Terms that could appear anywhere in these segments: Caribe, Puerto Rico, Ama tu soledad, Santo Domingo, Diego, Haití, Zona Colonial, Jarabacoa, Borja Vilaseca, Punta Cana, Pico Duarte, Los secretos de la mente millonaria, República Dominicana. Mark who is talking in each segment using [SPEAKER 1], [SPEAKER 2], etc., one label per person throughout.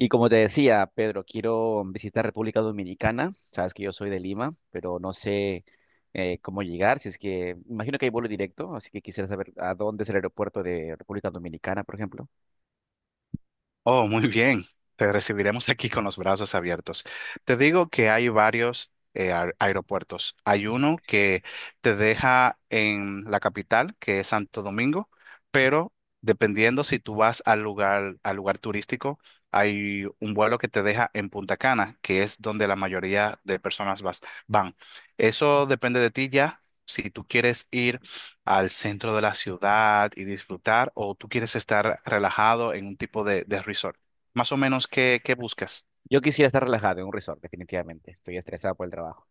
[SPEAKER 1] Y como te decía, Pedro, quiero visitar República Dominicana. Sabes que yo soy de Lima, pero no sé cómo llegar. Si es que, imagino que hay vuelo directo, así que quisiera saber a dónde es el aeropuerto de República Dominicana, por ejemplo.
[SPEAKER 2] Oh, muy bien. Te recibiremos aquí con los brazos abiertos. Te digo que hay varios aeropuertos. Hay uno que te deja en la capital, que es Santo Domingo, pero dependiendo si tú vas al lugar turístico, hay un vuelo que te deja en Punta Cana, que es donde la mayoría de personas van. Eso depende de ti ya. Si tú quieres ir al centro de la ciudad y disfrutar o tú quieres estar relajado en un tipo de resort? Más o menos, ¿qué buscas?
[SPEAKER 1] Yo quisiera estar relajado en un resort, definitivamente. Estoy estresado por el trabajo.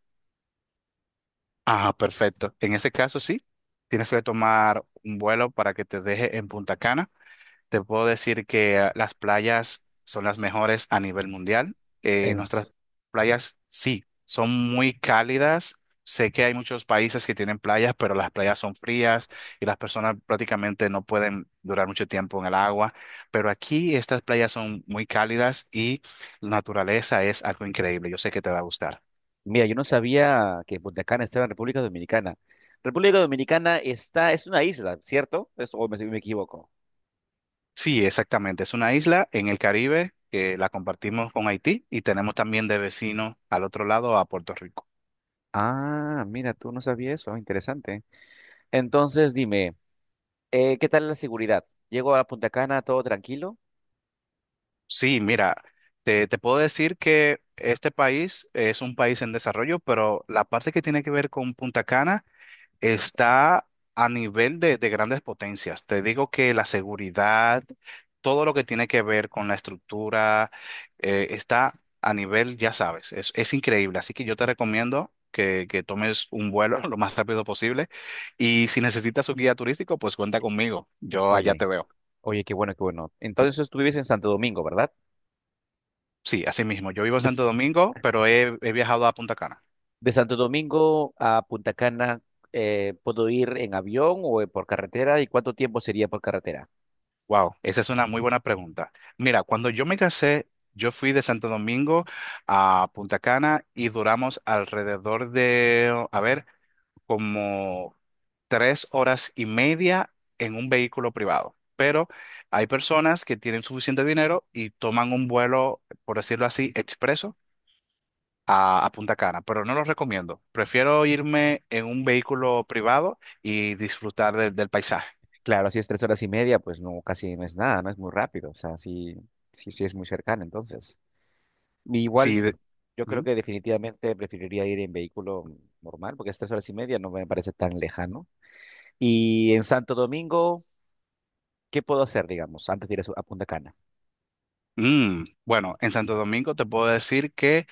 [SPEAKER 2] Ah, perfecto. En ese caso, sí, tienes que tomar un vuelo para que te deje en Punta Cana. Te puedo decir que las playas son las mejores a nivel mundial. Nuestras
[SPEAKER 1] Es-
[SPEAKER 2] playas sí, son muy cálidas. Sé que hay muchos países que tienen playas, pero las playas son frías y las personas prácticamente no pueden durar mucho tiempo en el agua. Pero aquí estas playas son muy cálidas y la naturaleza es algo increíble. Yo sé que te va a gustar.
[SPEAKER 1] Mira, yo no sabía que Punta Cana estaba en República Dominicana. República Dominicana está, es una isla, ¿cierto? O me, si me equivoco.
[SPEAKER 2] Sí, exactamente. Es una isla en el Caribe que la compartimos con Haití y tenemos también de vecino al otro lado a Puerto Rico.
[SPEAKER 1] Ah, mira, tú no sabías eso. Ah, interesante. Entonces, dime. ¿Qué tal la seguridad? Llego a Punta Cana todo tranquilo.
[SPEAKER 2] Sí, mira, te puedo decir que este país es un país en desarrollo, pero la parte que tiene que ver con Punta Cana está a nivel de grandes potencias. Te digo que la seguridad, todo lo que tiene que ver con la estructura, está a nivel, ya sabes, es increíble. Así que yo te recomiendo que tomes un vuelo lo más rápido posible y si necesitas un guía turístico, pues cuenta conmigo. Yo allá te
[SPEAKER 1] Oye,
[SPEAKER 2] veo.
[SPEAKER 1] oye, qué bueno, qué bueno. Entonces tú vives en Santo Domingo, ¿verdad?
[SPEAKER 2] Sí, así mismo. Yo vivo en
[SPEAKER 1] De,
[SPEAKER 2] Santo
[SPEAKER 1] S-
[SPEAKER 2] Domingo, pero he viajado a Punta Cana.
[SPEAKER 1] de Santo Domingo a Punta Cana, ¿puedo ir en avión o por carretera? ¿Y cuánto tiempo sería por carretera?
[SPEAKER 2] Wow, esa es una muy buena pregunta. Mira, cuando yo me casé, yo fui de Santo Domingo a Punta Cana y duramos alrededor de, a ver, como 3 horas y media en un vehículo privado. Pero hay personas que tienen suficiente dinero y toman un vuelo, por decirlo así, expreso a Punta Cana, pero no lo recomiendo. Prefiero irme en un vehículo privado y disfrutar del paisaje.
[SPEAKER 1] Claro, si es 3 horas y media, pues no, casi no es nada, no es muy rápido. O sea, sí, sí, sí es muy cercano, entonces. Igual,
[SPEAKER 2] Sí,
[SPEAKER 1] yo creo
[SPEAKER 2] ¿Mm?
[SPEAKER 1] que definitivamente preferiría ir en vehículo normal, porque es 3 horas y media, no me parece tan lejano. Y en Santo Domingo. ¿Qué puedo hacer, digamos, antes de ir a, a Punta Cana?
[SPEAKER 2] Mm, bueno, en Santo Domingo te puedo decir que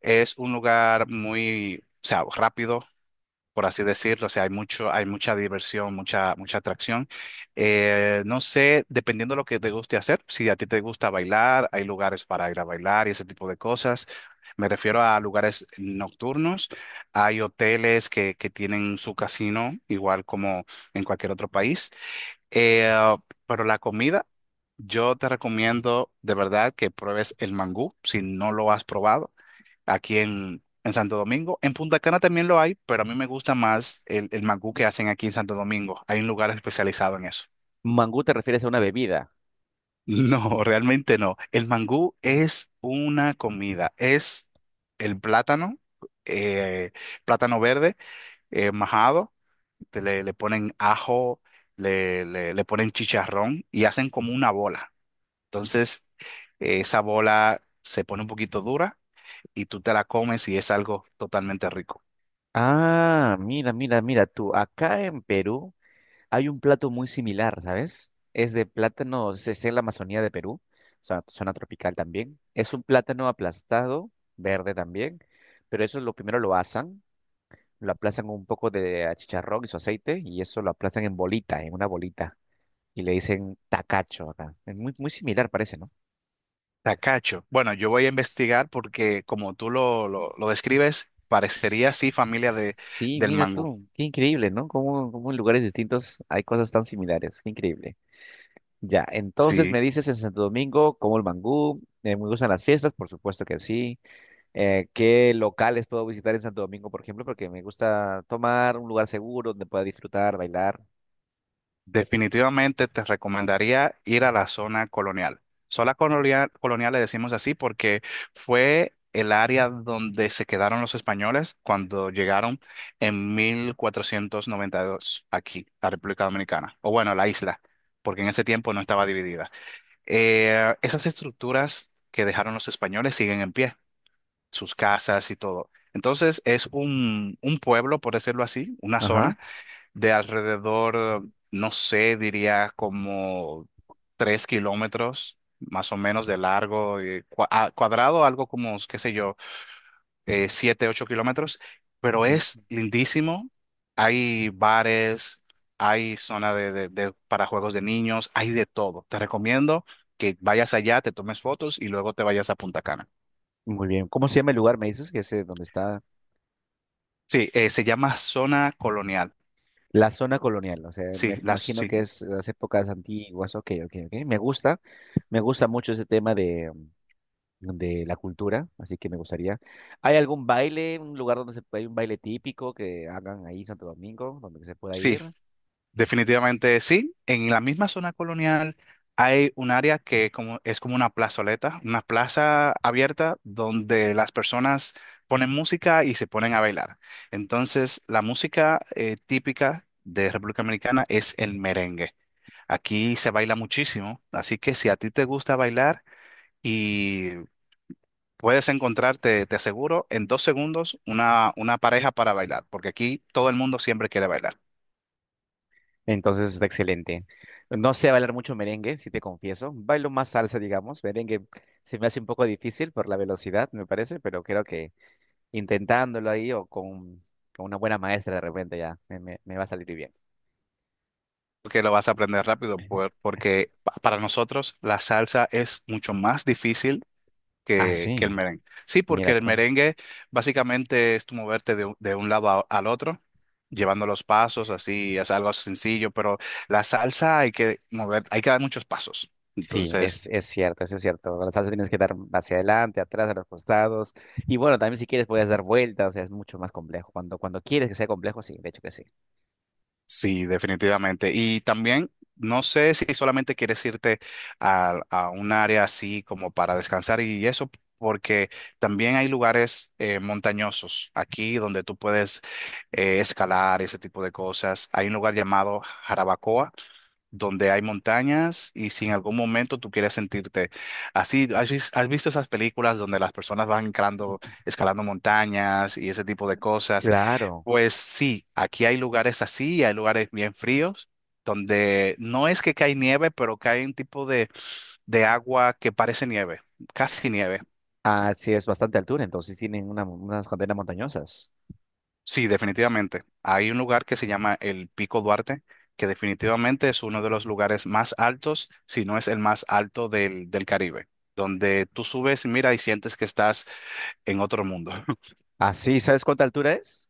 [SPEAKER 2] es un lugar muy, o sea, rápido, por así decirlo. O sea, hay mucha diversión, mucha, mucha atracción. No sé, dependiendo de lo que te guste hacer, si a ti te gusta bailar, hay lugares para ir a bailar y ese tipo de cosas. Me refiero a lugares nocturnos. Hay hoteles que tienen su casino, igual como en cualquier otro país. Eh, pero la comida, yo te recomiendo de verdad que pruebes el mangú si no lo has probado aquí en Santo Domingo. En Punta Cana también lo hay, pero a mí me gusta más el mangú que hacen aquí en Santo Domingo. Hay un lugar especializado en eso.
[SPEAKER 1] Mangú te refieres a una bebida.
[SPEAKER 2] No, realmente no. El mangú es una comida. Es el plátano, eh, plátano verde, majado. Le ponen ajo, le ponen chicharrón y hacen como una bola. Entonces, esa bola se pone un poquito dura y tú te la comes y es algo totalmente rico.
[SPEAKER 1] Ah, mira, mira, mira tú. Acá en Perú hay un plato muy similar, ¿sabes? Es de plátano, se está en la Amazonía de Perú, zona tropical también. Es un plátano aplastado, verde también, pero eso lo primero lo asan, lo aplastan con un poco de chicharrón y su aceite y eso lo aplastan en bolita, en una bolita. Y le dicen tacacho acá. Es muy, muy similar, parece, ¿no?
[SPEAKER 2] Tacacho. Bueno, yo voy a investigar porque como tú lo describes, parecería así familia
[SPEAKER 1] Sí,
[SPEAKER 2] del
[SPEAKER 1] mira
[SPEAKER 2] mangú.
[SPEAKER 1] tú, qué increíble, ¿no? Cómo, cómo en lugares distintos hay cosas tan similares, qué increíble. Ya, entonces me
[SPEAKER 2] Sí,
[SPEAKER 1] dices en Santo Domingo, como el mangú, me gustan las fiestas, por supuesto que sí. ¿Qué locales puedo visitar en Santo Domingo, por ejemplo? Porque me gusta tomar un lugar seguro donde pueda disfrutar, bailar.
[SPEAKER 2] definitivamente te recomendaría ir a la zona colonial. Zona colonial, colonial le decimos así porque fue el área donde se quedaron los españoles cuando llegaron en 1492 aquí, a República Dominicana, o bueno, a la isla, porque en ese tiempo no estaba dividida. Esas estructuras que dejaron los españoles siguen en pie. Sus casas y todo. Entonces es un, pueblo, por decirlo así, una
[SPEAKER 1] Ajá.
[SPEAKER 2] zona de alrededor, no sé, diría como 3 kilómetros más o menos de largo, y cuadrado, algo como, qué sé yo, 7, 8 kilómetros, pero es
[SPEAKER 1] Mm,
[SPEAKER 2] lindísimo. Hay bares, hay zona para juegos de niños, hay de todo. Te recomiendo que vayas allá, te tomes fotos y luego te vayas a Punta Cana.
[SPEAKER 1] muy bien. ¿Cómo se llama el lugar? Me dices que es donde está
[SPEAKER 2] Sí, se llama Zona Colonial.
[SPEAKER 1] la zona colonial. O sea,
[SPEAKER 2] Sí,
[SPEAKER 1] me imagino que
[SPEAKER 2] sí,
[SPEAKER 1] es las épocas antiguas. Ok, ok, ok. Me gusta. Me gusta mucho ese tema de la cultura, así que me gustaría. ¿Hay algún baile, un lugar donde se, hay un baile típico que hagan ahí en Santo Domingo, donde se pueda
[SPEAKER 2] sí,
[SPEAKER 1] ir?
[SPEAKER 2] definitivamente sí. En la misma zona colonial hay un área es como una plazoleta, una plaza abierta donde las personas ponen música y se ponen a bailar. Entonces, la música típica de República Dominicana es el merengue. Aquí se baila muchísimo, así que si a ti te gusta bailar y puedes encontrarte, te aseguro, en 2 segundos una pareja para bailar, porque aquí todo el mundo siempre quiere bailar.
[SPEAKER 1] Entonces está excelente. No sé bailar mucho merengue, si te confieso. Bailo más salsa, digamos. Merengue se me hace un poco difícil por la velocidad, me parece, pero creo que intentándolo ahí o con una buena maestra de repente ya me, me va a salir bien.
[SPEAKER 2] Que lo vas a aprender rápido, porque para nosotros la salsa es mucho más difícil
[SPEAKER 1] Ah,
[SPEAKER 2] que el
[SPEAKER 1] sí,
[SPEAKER 2] merengue. Sí, porque
[SPEAKER 1] mira
[SPEAKER 2] el
[SPEAKER 1] tú.
[SPEAKER 2] merengue básicamente es tu moverte de un lado al otro, llevando los pasos, así es algo sencillo, pero la salsa hay que mover, hay que dar muchos pasos.
[SPEAKER 1] Sí,
[SPEAKER 2] Entonces,
[SPEAKER 1] es cierto, eso es cierto. Con la salsa tienes que dar hacia adelante, atrás, a los costados. Y bueno, también si quieres puedes dar vueltas, o sea, es mucho más complejo. Cuando, cuando quieres que sea complejo, sí, de hecho que sí.
[SPEAKER 2] sí, definitivamente. Y también no sé si solamente quieres irte a un área así como para descansar y eso, porque también hay lugares montañosos aquí donde tú puedes escalar ese tipo de cosas. Hay un lugar llamado Jarabacoa donde hay montañas y si en algún momento tú quieres sentirte así, ¿ has visto esas películas donde las personas van escalando, escalando montañas y ese tipo de cosas?
[SPEAKER 1] Claro.
[SPEAKER 2] Pues sí, aquí hay lugares así, y hay lugares bien fríos, donde no es que cae nieve, pero cae un tipo de agua que parece nieve, casi nieve.
[SPEAKER 1] Ah, sí, es bastante altura, entonces tienen una, unas cadenas montañosas.
[SPEAKER 2] Sí, definitivamente. Hay un lugar que se llama el Pico Duarte, que definitivamente es uno de los lugares más altos, si no es el más alto del Caribe, donde tú subes, mira y sientes que estás en otro mundo.
[SPEAKER 1] Ah, sí, ¿sabes cuánta altura es?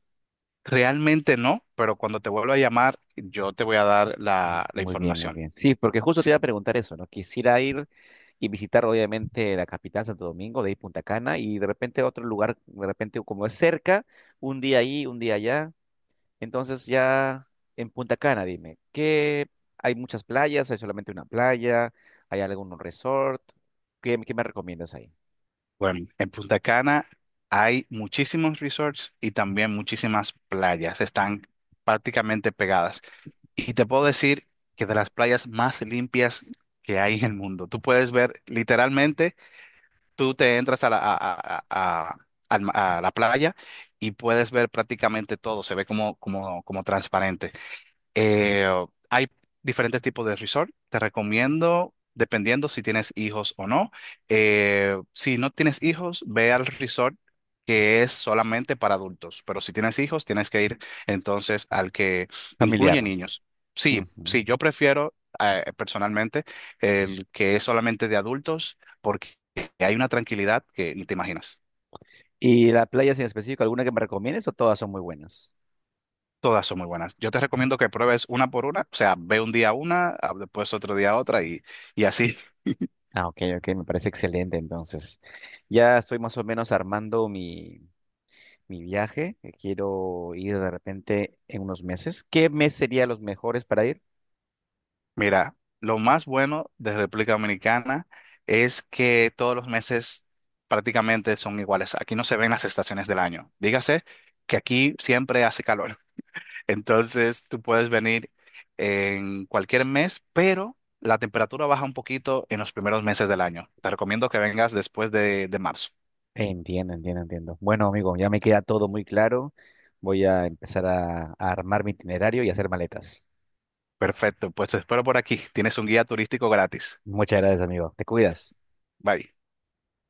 [SPEAKER 2] Realmente no, pero cuando te vuelva a llamar, yo te voy a dar
[SPEAKER 1] Mm,
[SPEAKER 2] la
[SPEAKER 1] muy bien, muy
[SPEAKER 2] información.
[SPEAKER 1] bien. Sí, porque justo te iba a
[SPEAKER 2] Sí.
[SPEAKER 1] preguntar eso, ¿no? Quisiera ir y visitar, obviamente, la capital, Santo Domingo, de ahí Punta Cana, y de repente otro lugar, de repente, como es cerca, un día ahí, un día allá. Entonces ya en Punta Cana, dime, ¿qué hay muchas playas? ¿Hay solamente una playa? ¿Hay algún resort? ¿Qué, qué me recomiendas ahí?
[SPEAKER 2] Bueno, en Punta Cana hay muchísimos resorts y también muchísimas playas. Están prácticamente pegadas. Y te puedo decir que de las playas más limpias que hay en el mundo. Tú puedes ver, literalmente, tú te entras a la, a- al ma- a la playa y puedes ver prácticamente todo. Se ve como transparente. Eh, Hay diferentes tipos de resort. Te recomiendo, dependiendo si tienes hijos o no. Si no tienes hijos, ve al resort que es solamente para adultos. Pero si tienes hijos, tienes que ir entonces al que
[SPEAKER 1] Familiar.
[SPEAKER 2] incluye niños. Sí,
[SPEAKER 1] Ujú.
[SPEAKER 2] sí, yo prefiero personalmente el que es solamente de adultos porque hay una tranquilidad que ni te imaginas.
[SPEAKER 1] ¿Y las playas en específico, alguna que me recomiendes o todas son muy buenas?
[SPEAKER 2] Todas son muy buenas. Yo te recomiendo que pruebes una por una, o sea, ve un día una, después otro día otra y así.
[SPEAKER 1] Ah, ok, ok, me parece excelente entonces. Ya estoy más o menos armando mi, mi viaje. Que Quiero ir de repente en unos meses. ¿Qué mes serían los mejores para ir?
[SPEAKER 2] Mira, lo más bueno de República Dominicana es que todos los meses prácticamente son iguales. Aquí no se ven las estaciones del año. Dígase que aquí siempre hace calor. Entonces tú puedes venir en cualquier mes, pero la temperatura baja un poquito en los primeros meses del año. Te recomiendo que vengas después de marzo.
[SPEAKER 1] Entiendo, entiendo, entiendo. Bueno, amigo, ya me queda todo muy claro. Voy a empezar a armar mi itinerario y hacer maletas.
[SPEAKER 2] Perfecto, pues te espero por aquí. Tienes un guía turístico gratis.
[SPEAKER 1] Muchas gracias, amigo. Te cuidas.
[SPEAKER 2] Bye.